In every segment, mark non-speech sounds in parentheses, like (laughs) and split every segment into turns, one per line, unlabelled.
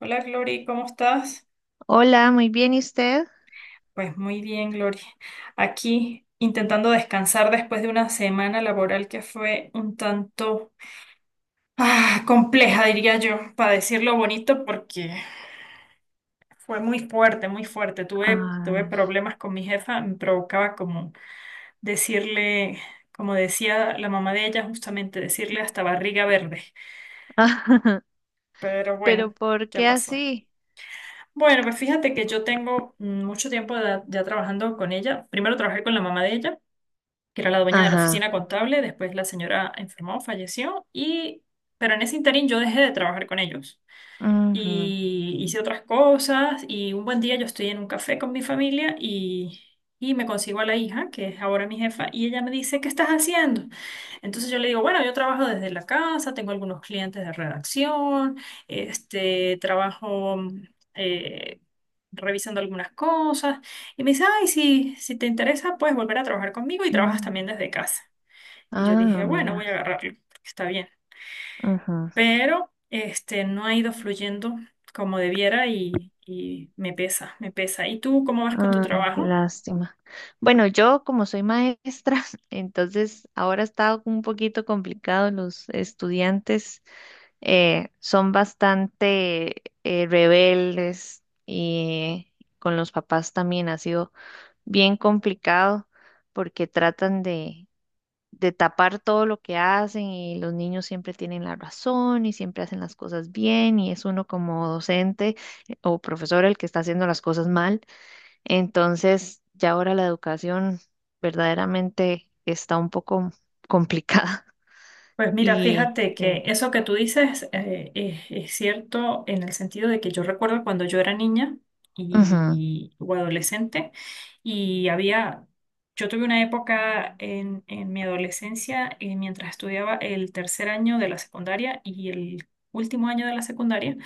Hola, Glory, ¿cómo estás?
Hola, muy bien, ¿y usted?
Pues muy bien, Glory. Aquí intentando descansar después de una semana laboral que fue un tanto compleja, diría yo, para decirlo bonito, porque fue muy fuerte, muy fuerte. Tuve
Ay,
problemas con mi jefa, me provocaba como decirle, como decía la mamá de ella, justamente decirle hasta barriga verde.
(laughs)
Pero bueno,
pero ¿por
ya
qué
pasó.
así?
Bueno, pues fíjate que yo tengo mucho tiempo ya trabajando con ella. Primero trabajé con la mamá de ella, que era la dueña de la
Ajá.
oficina contable. Después la señora enfermó, falleció, y, pero en ese interín yo dejé de trabajar con ellos
Ujú.
y hice otras cosas, y un buen día yo estoy en un café con mi familia y, me consigo a la hija, que es ahora mi jefa, y ella me dice, ¿qué estás haciendo? Entonces yo le digo, bueno, yo trabajo desde la casa, tengo algunos clientes de redacción, este, trabajo eh, revisando algunas cosas, y me dice, ay, si te interesa, puedes volver a trabajar conmigo y trabajas
Mm.
también desde casa. Y yo dije,
Ah,
bueno, voy
mira.
a agarrarlo, porque está bien,
Ujú.
pero este, no ha ido fluyendo como debiera y me pesa, me pesa. ¿Y tú cómo vas con tu
Ay, qué
trabajo?
lástima. Bueno, yo como soy maestra, (laughs) entonces ahora está un poquito complicado. Los estudiantes son bastante rebeldes y con los papás también ha sido bien complicado porque tratan de tapar todo lo que hacen y los niños siempre tienen la razón y siempre hacen las cosas bien y es uno como docente o profesor el que está haciendo las cosas mal. Entonces, ya ahora la educación verdaderamente está un poco complicada. (laughs)
Pues mira,
Y
fíjate que
sí.
eso que tú dices es cierto, en el sentido de que yo recuerdo cuando yo era niña
Ujú,
y, o adolescente, y había, yo tuve una época en mi adolescencia, mientras estudiaba el tercer año de la secundaria y el último año de la secundaria,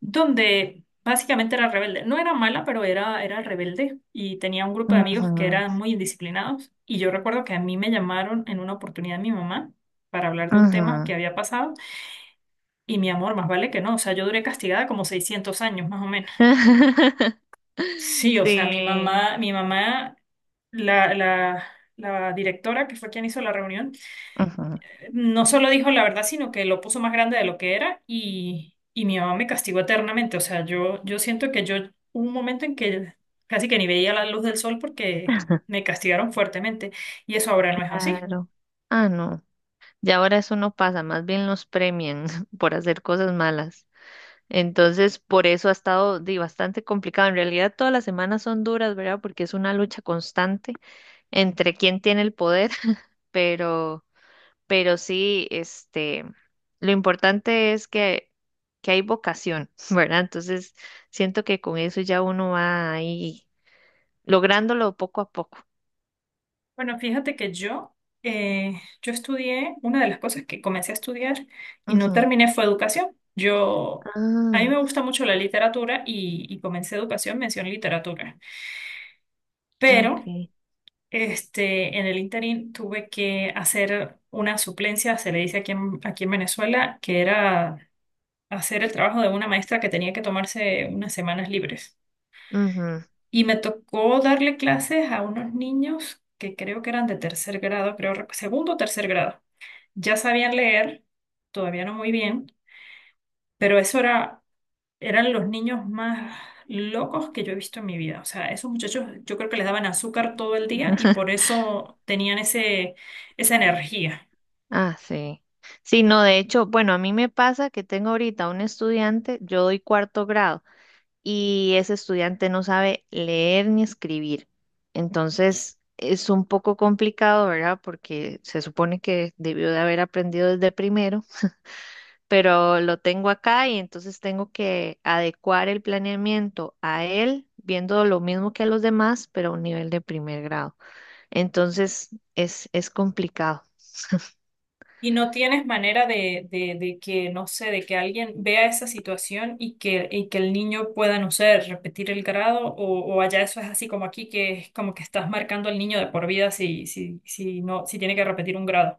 donde básicamente era rebelde. No era mala, pero era, era rebelde, y tenía un grupo de amigos que
ujú,
eran muy indisciplinados, y yo recuerdo que a mí me llamaron en una oportunidad mi mamá para hablar de un tema
ujú.
que había pasado, y mi amor, más vale que no, o sea, yo duré castigada como 600 años más o menos.
(laughs)
Sí, o sea,
Sí.
mi mamá, la, la, la directora, que fue quien hizo la reunión,
Ujú.
no solo dijo la verdad, sino que lo puso más grande de lo que era, y, mi mamá me castigó eternamente, o sea, yo siento que yo, hubo un momento en que casi que ni veía la luz del sol porque me castigaron fuertemente, y eso ahora no es así.
Claro. Ah, no. Ya ahora eso no pasa, más bien los premian (laughs) por hacer cosas malas. Entonces, por eso ha estado bastante complicado. En realidad, todas las semanas son duras, ¿verdad? Porque es una lucha constante entre quién tiene el poder, (laughs) pero, pero sí, este, lo importante es que hay vocación, (laughs) ¿verdad? Entonces, siento que con eso ya uno va ahí lográndolo poco a poco.
Bueno, fíjate que eh, yo estudié, una de las cosas que comencé a estudiar y no
Ujú.
terminé fue educación. Yo, a mí
Ah,
me gusta mucho la literatura y, comencé educación, mención literatura.
ok.
Pero este, en el interín tuve que hacer una suplencia, se le dice aquí en Venezuela, que era hacer el trabajo de una maestra que tenía que tomarse unas semanas libres.
Ujú.
Y me tocó darle clases a unos niños que creo que eran de tercer grado, creo, segundo o tercer grado. Ya sabían leer, todavía no muy bien, pero eran los niños más locos que yo he visto en mi vida. O sea, esos muchachos, yo creo que les daban azúcar todo el día y por eso tenían esa energía.
Ah, sí. Sí, no, de hecho, bueno, a mí me pasa que tengo ahorita un estudiante, yo doy cuarto grado. Y ese estudiante no sabe leer ni escribir. Entonces, es un poco complicado, ¿verdad? Porque se supone que debió de haber aprendido desde primero, pero lo tengo acá y entonces tengo que adecuar el planeamiento a él, viendo lo mismo que a los demás, pero a un nivel de primer grado. Entonces, es complicado.
¿Y no tienes manera de que, no sé, de que alguien vea esa situación y que el niño pueda, no sé, repetir el grado? O, o allá eso es así como aquí, que es como que estás marcando al niño de por vida si, si, si, no, si tiene que repetir un grado.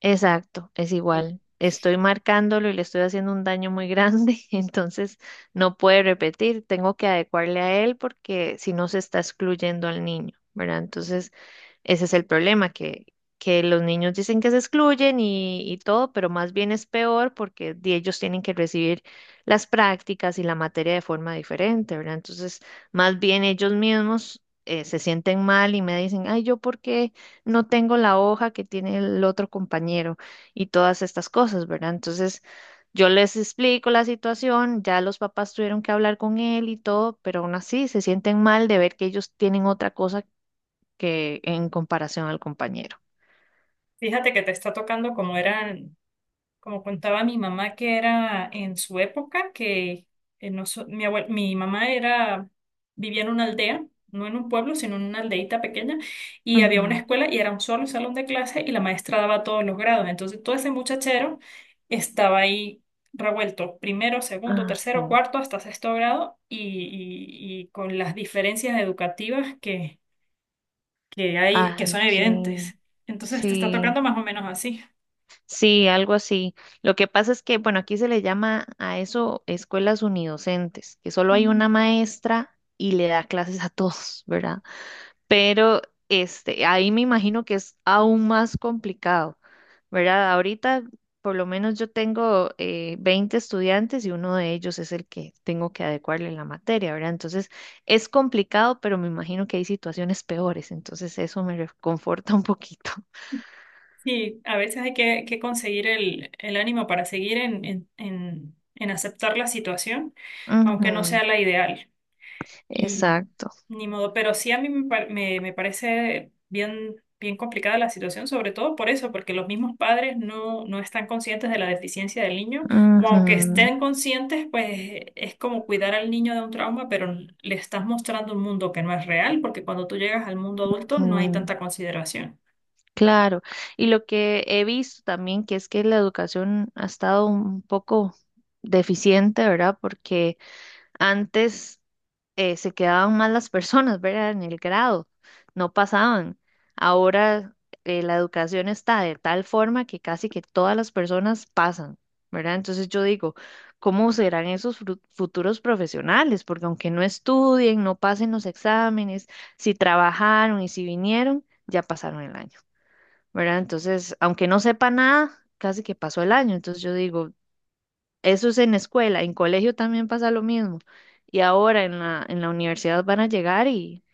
Exacto, es igual. Estoy marcándolo y le estoy haciendo un daño muy grande, (laughs) entonces no puede repetir. Tengo que adecuarle a él porque si no se está excluyendo al niño, ¿verdad? Entonces... Ese es el problema, que los niños dicen que se excluyen y todo, pero más bien es peor porque ellos tienen que recibir las prácticas y la materia de forma diferente, ¿verdad? Entonces, más bien ellos mismos se sienten mal y me dicen, ay, ¿yo por qué no tengo la hoja que tiene el otro compañero? Y todas estas cosas, ¿verdad? Entonces... Yo les explico la situación, ya los papás tuvieron que hablar con él y todo, pero aún así se sienten mal de ver que ellos tienen otra cosa que en comparación al compañero.
Fíjate que te está tocando como eran, como contaba mi mamá que era en su época, que mi mamá vivía en una aldea, no en un pueblo, sino en una aldeita pequeña, y había una
Ujú.
escuela y era un solo salón de clase, y la maestra daba todos los grados. Entonces, todo ese muchachero estaba ahí revuelto, primero, segundo,
Ah, sí.
tercero, cuarto, hasta sexto grado, y con las diferencias educativas que hay, que son
Ay, sí,
evidentes. Entonces te está
sí,
tocando más o menos así.
sí, algo así. Lo que pasa es que, bueno, aquí se le llama a eso escuelas unidocentes, que solo hay
Mm.
una maestra y le da clases a todos, ¿verdad? Pero este, ahí me imagino que es aún más complicado, ¿verdad? Ahorita por lo menos yo tengo 20 estudiantes y uno de ellos es el que tengo que adecuarle la materia, ¿verdad? Entonces es complicado, pero me imagino que hay situaciones peores, entonces eso me reconforta un poquito.
Sí, a veces hay que conseguir el ánimo para seguir en aceptar la situación, aunque no
Ujú,
sea la ideal. Y
exacto.
ni modo, pero sí a mí me parece bien, bien complicada la situación, sobre todo por eso, porque los mismos padres no, no están conscientes de la deficiencia del niño, o aunque
Ujú,
estén conscientes, pues es como cuidar al niño de un trauma, pero le estás mostrando un mundo que no es real, porque cuando tú llegas al mundo adulto no hay
ujú,
tanta consideración.
claro. Y lo que he visto también que es que la educación ha estado un poco deficiente, ¿verdad? Porque antes se quedaban mal las personas, ¿verdad? En el grado, no pasaban. Ahora la educación está de tal forma que casi que todas las personas pasan, ¿verdad? Entonces yo digo, ¿cómo serán esos futuros profesionales? Porque aunque no estudien, no pasen los exámenes, si trabajaron y si vinieron, ya pasaron el año, ¿verdad? Entonces, aunque no sepa nada, casi que pasó el año. Entonces yo digo, eso es en escuela, en colegio también pasa lo mismo. Y ahora en la universidad van a llegar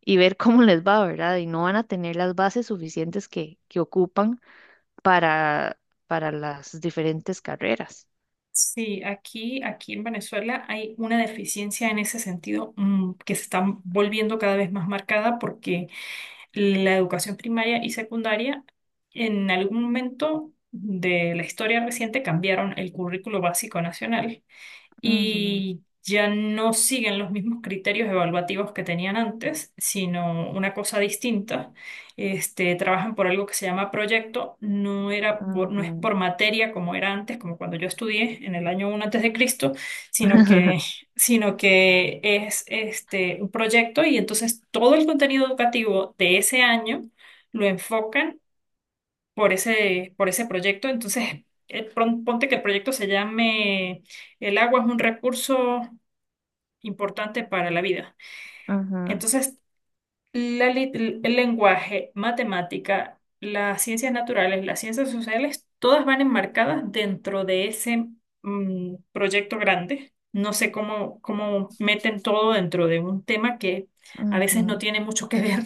y ver cómo les va, ¿verdad? Y no van a tener las bases suficientes que ocupan para, para las diferentes carreras.
Sí, aquí, aquí en Venezuela hay una deficiencia en ese sentido, que se está volviendo cada vez más marcada, porque la educación primaria y secundaria, en algún momento de la historia reciente, cambiaron el currículo básico nacional,
Ujú,
y ya no siguen los mismos criterios evaluativos que tenían antes, sino una cosa distinta. Este, trabajan por algo que se llama proyecto. No era por, no es
ujú,
por materia como era antes, como cuando yo estudié en el año uno antes de Cristo, sino que,
(laughs)
sino que es, este, un proyecto, y entonces todo el contenido educativo de ese año lo enfocan por ese proyecto. Entonces, ponte que el proyecto se llame "El agua es un recurso importante para la vida".
ujú,
Entonces, el lenguaje, matemática, las ciencias naturales, las ciencias sociales, todas van enmarcadas dentro de ese proyecto grande. No sé cómo meten todo dentro de un tema que a veces no
ujú,
tiene mucho que ver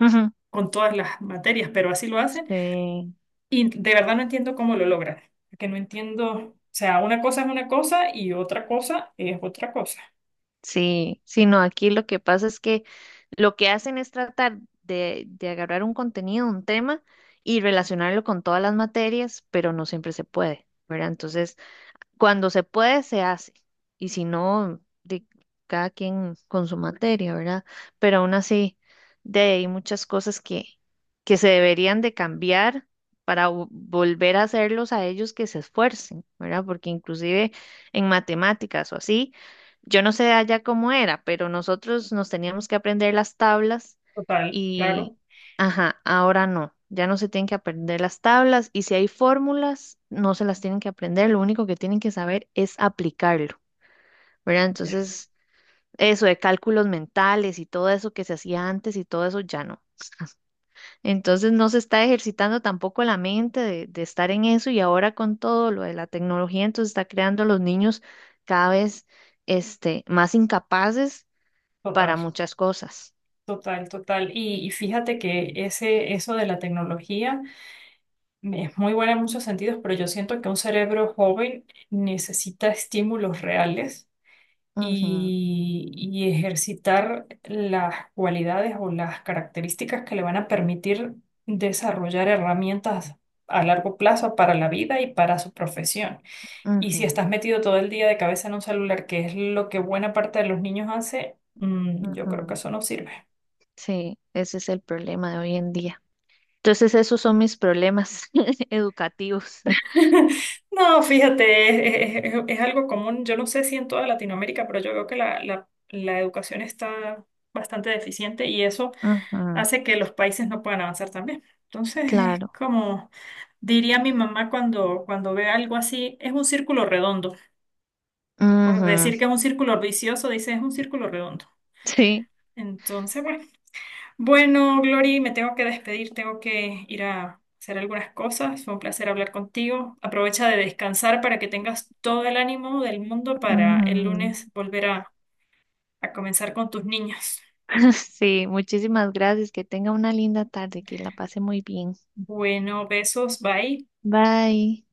ujú.
con todas las materias, pero así lo hacen.
Sí.
Y de verdad no entiendo cómo lo logran, porque no entiendo, o sea, una cosa es una cosa y otra cosa es otra cosa.
Sí, sí, no, aquí lo que pasa es que lo que hacen es tratar de agarrar un contenido, un tema y relacionarlo con todas las materias, pero no siempre se puede, ¿verdad? Entonces, cuando se puede, se hace. Y si no, de cada quien con su materia, ¿verdad? Pero aún así, de ahí hay muchas cosas que se deberían de cambiar para volver a hacerlos a ellos que se esfuercen, ¿verdad? Porque inclusive en matemáticas o así, yo no sé allá cómo era, pero nosotros nos teníamos que aprender las tablas.
Total, claro,
Ajá, ahora no, ya no se tienen que aprender las tablas y si hay fórmulas, no se las tienen que aprender, lo único que tienen que saber es aplicarlo, ¿verdad?
ya,
Entonces, eso de cálculos mentales y todo eso que se hacía antes y todo eso ya no. Entonces, no se está ejercitando tampoco la mente de estar en eso y ahora con todo lo de la tecnología, entonces está creando a los niños cada vez este, más incapaces
total,
para muchas cosas.
total, total. Y fíjate que eso de la tecnología es muy buena en muchos sentidos, pero yo siento que un cerebro joven necesita estímulos reales
Ujú,
y ejercitar las cualidades o las características que le van a permitir desarrollar herramientas a largo plazo para la vida y para su profesión. Y si
ujú,
estás metido todo el día de cabeza en un celular, que es lo que buena parte de los niños hace, mm, yo creo que
ujú.
eso no sirve.
Sí, ese es el problema de hoy en día. Entonces, esos son mis problemas (laughs) educativos.
(laughs) No, fíjate, es algo común. Yo no sé si en toda Latinoamérica, pero yo veo que la educación está bastante deficiente, y eso
Ujú,
hace que los países no puedan avanzar también. Entonces es
claro.
como diría mi mamá cuando, ve algo así, es un círculo redondo. Por decir que
Ujú,
es un círculo vicioso, dice es un círculo redondo.
sí.
Entonces, bueno, bueno, Glory, me tengo que despedir, tengo que ir a hacer algunas cosas. Fue un placer hablar contigo. Aprovecha de descansar para que tengas todo el ánimo del mundo para el
Ujú.
lunes volver a comenzar con tus niños.
(laughs) Sí, muchísimas gracias. Que tenga una linda tarde, que la pase muy bien.
Bueno, besos, bye.
Bye.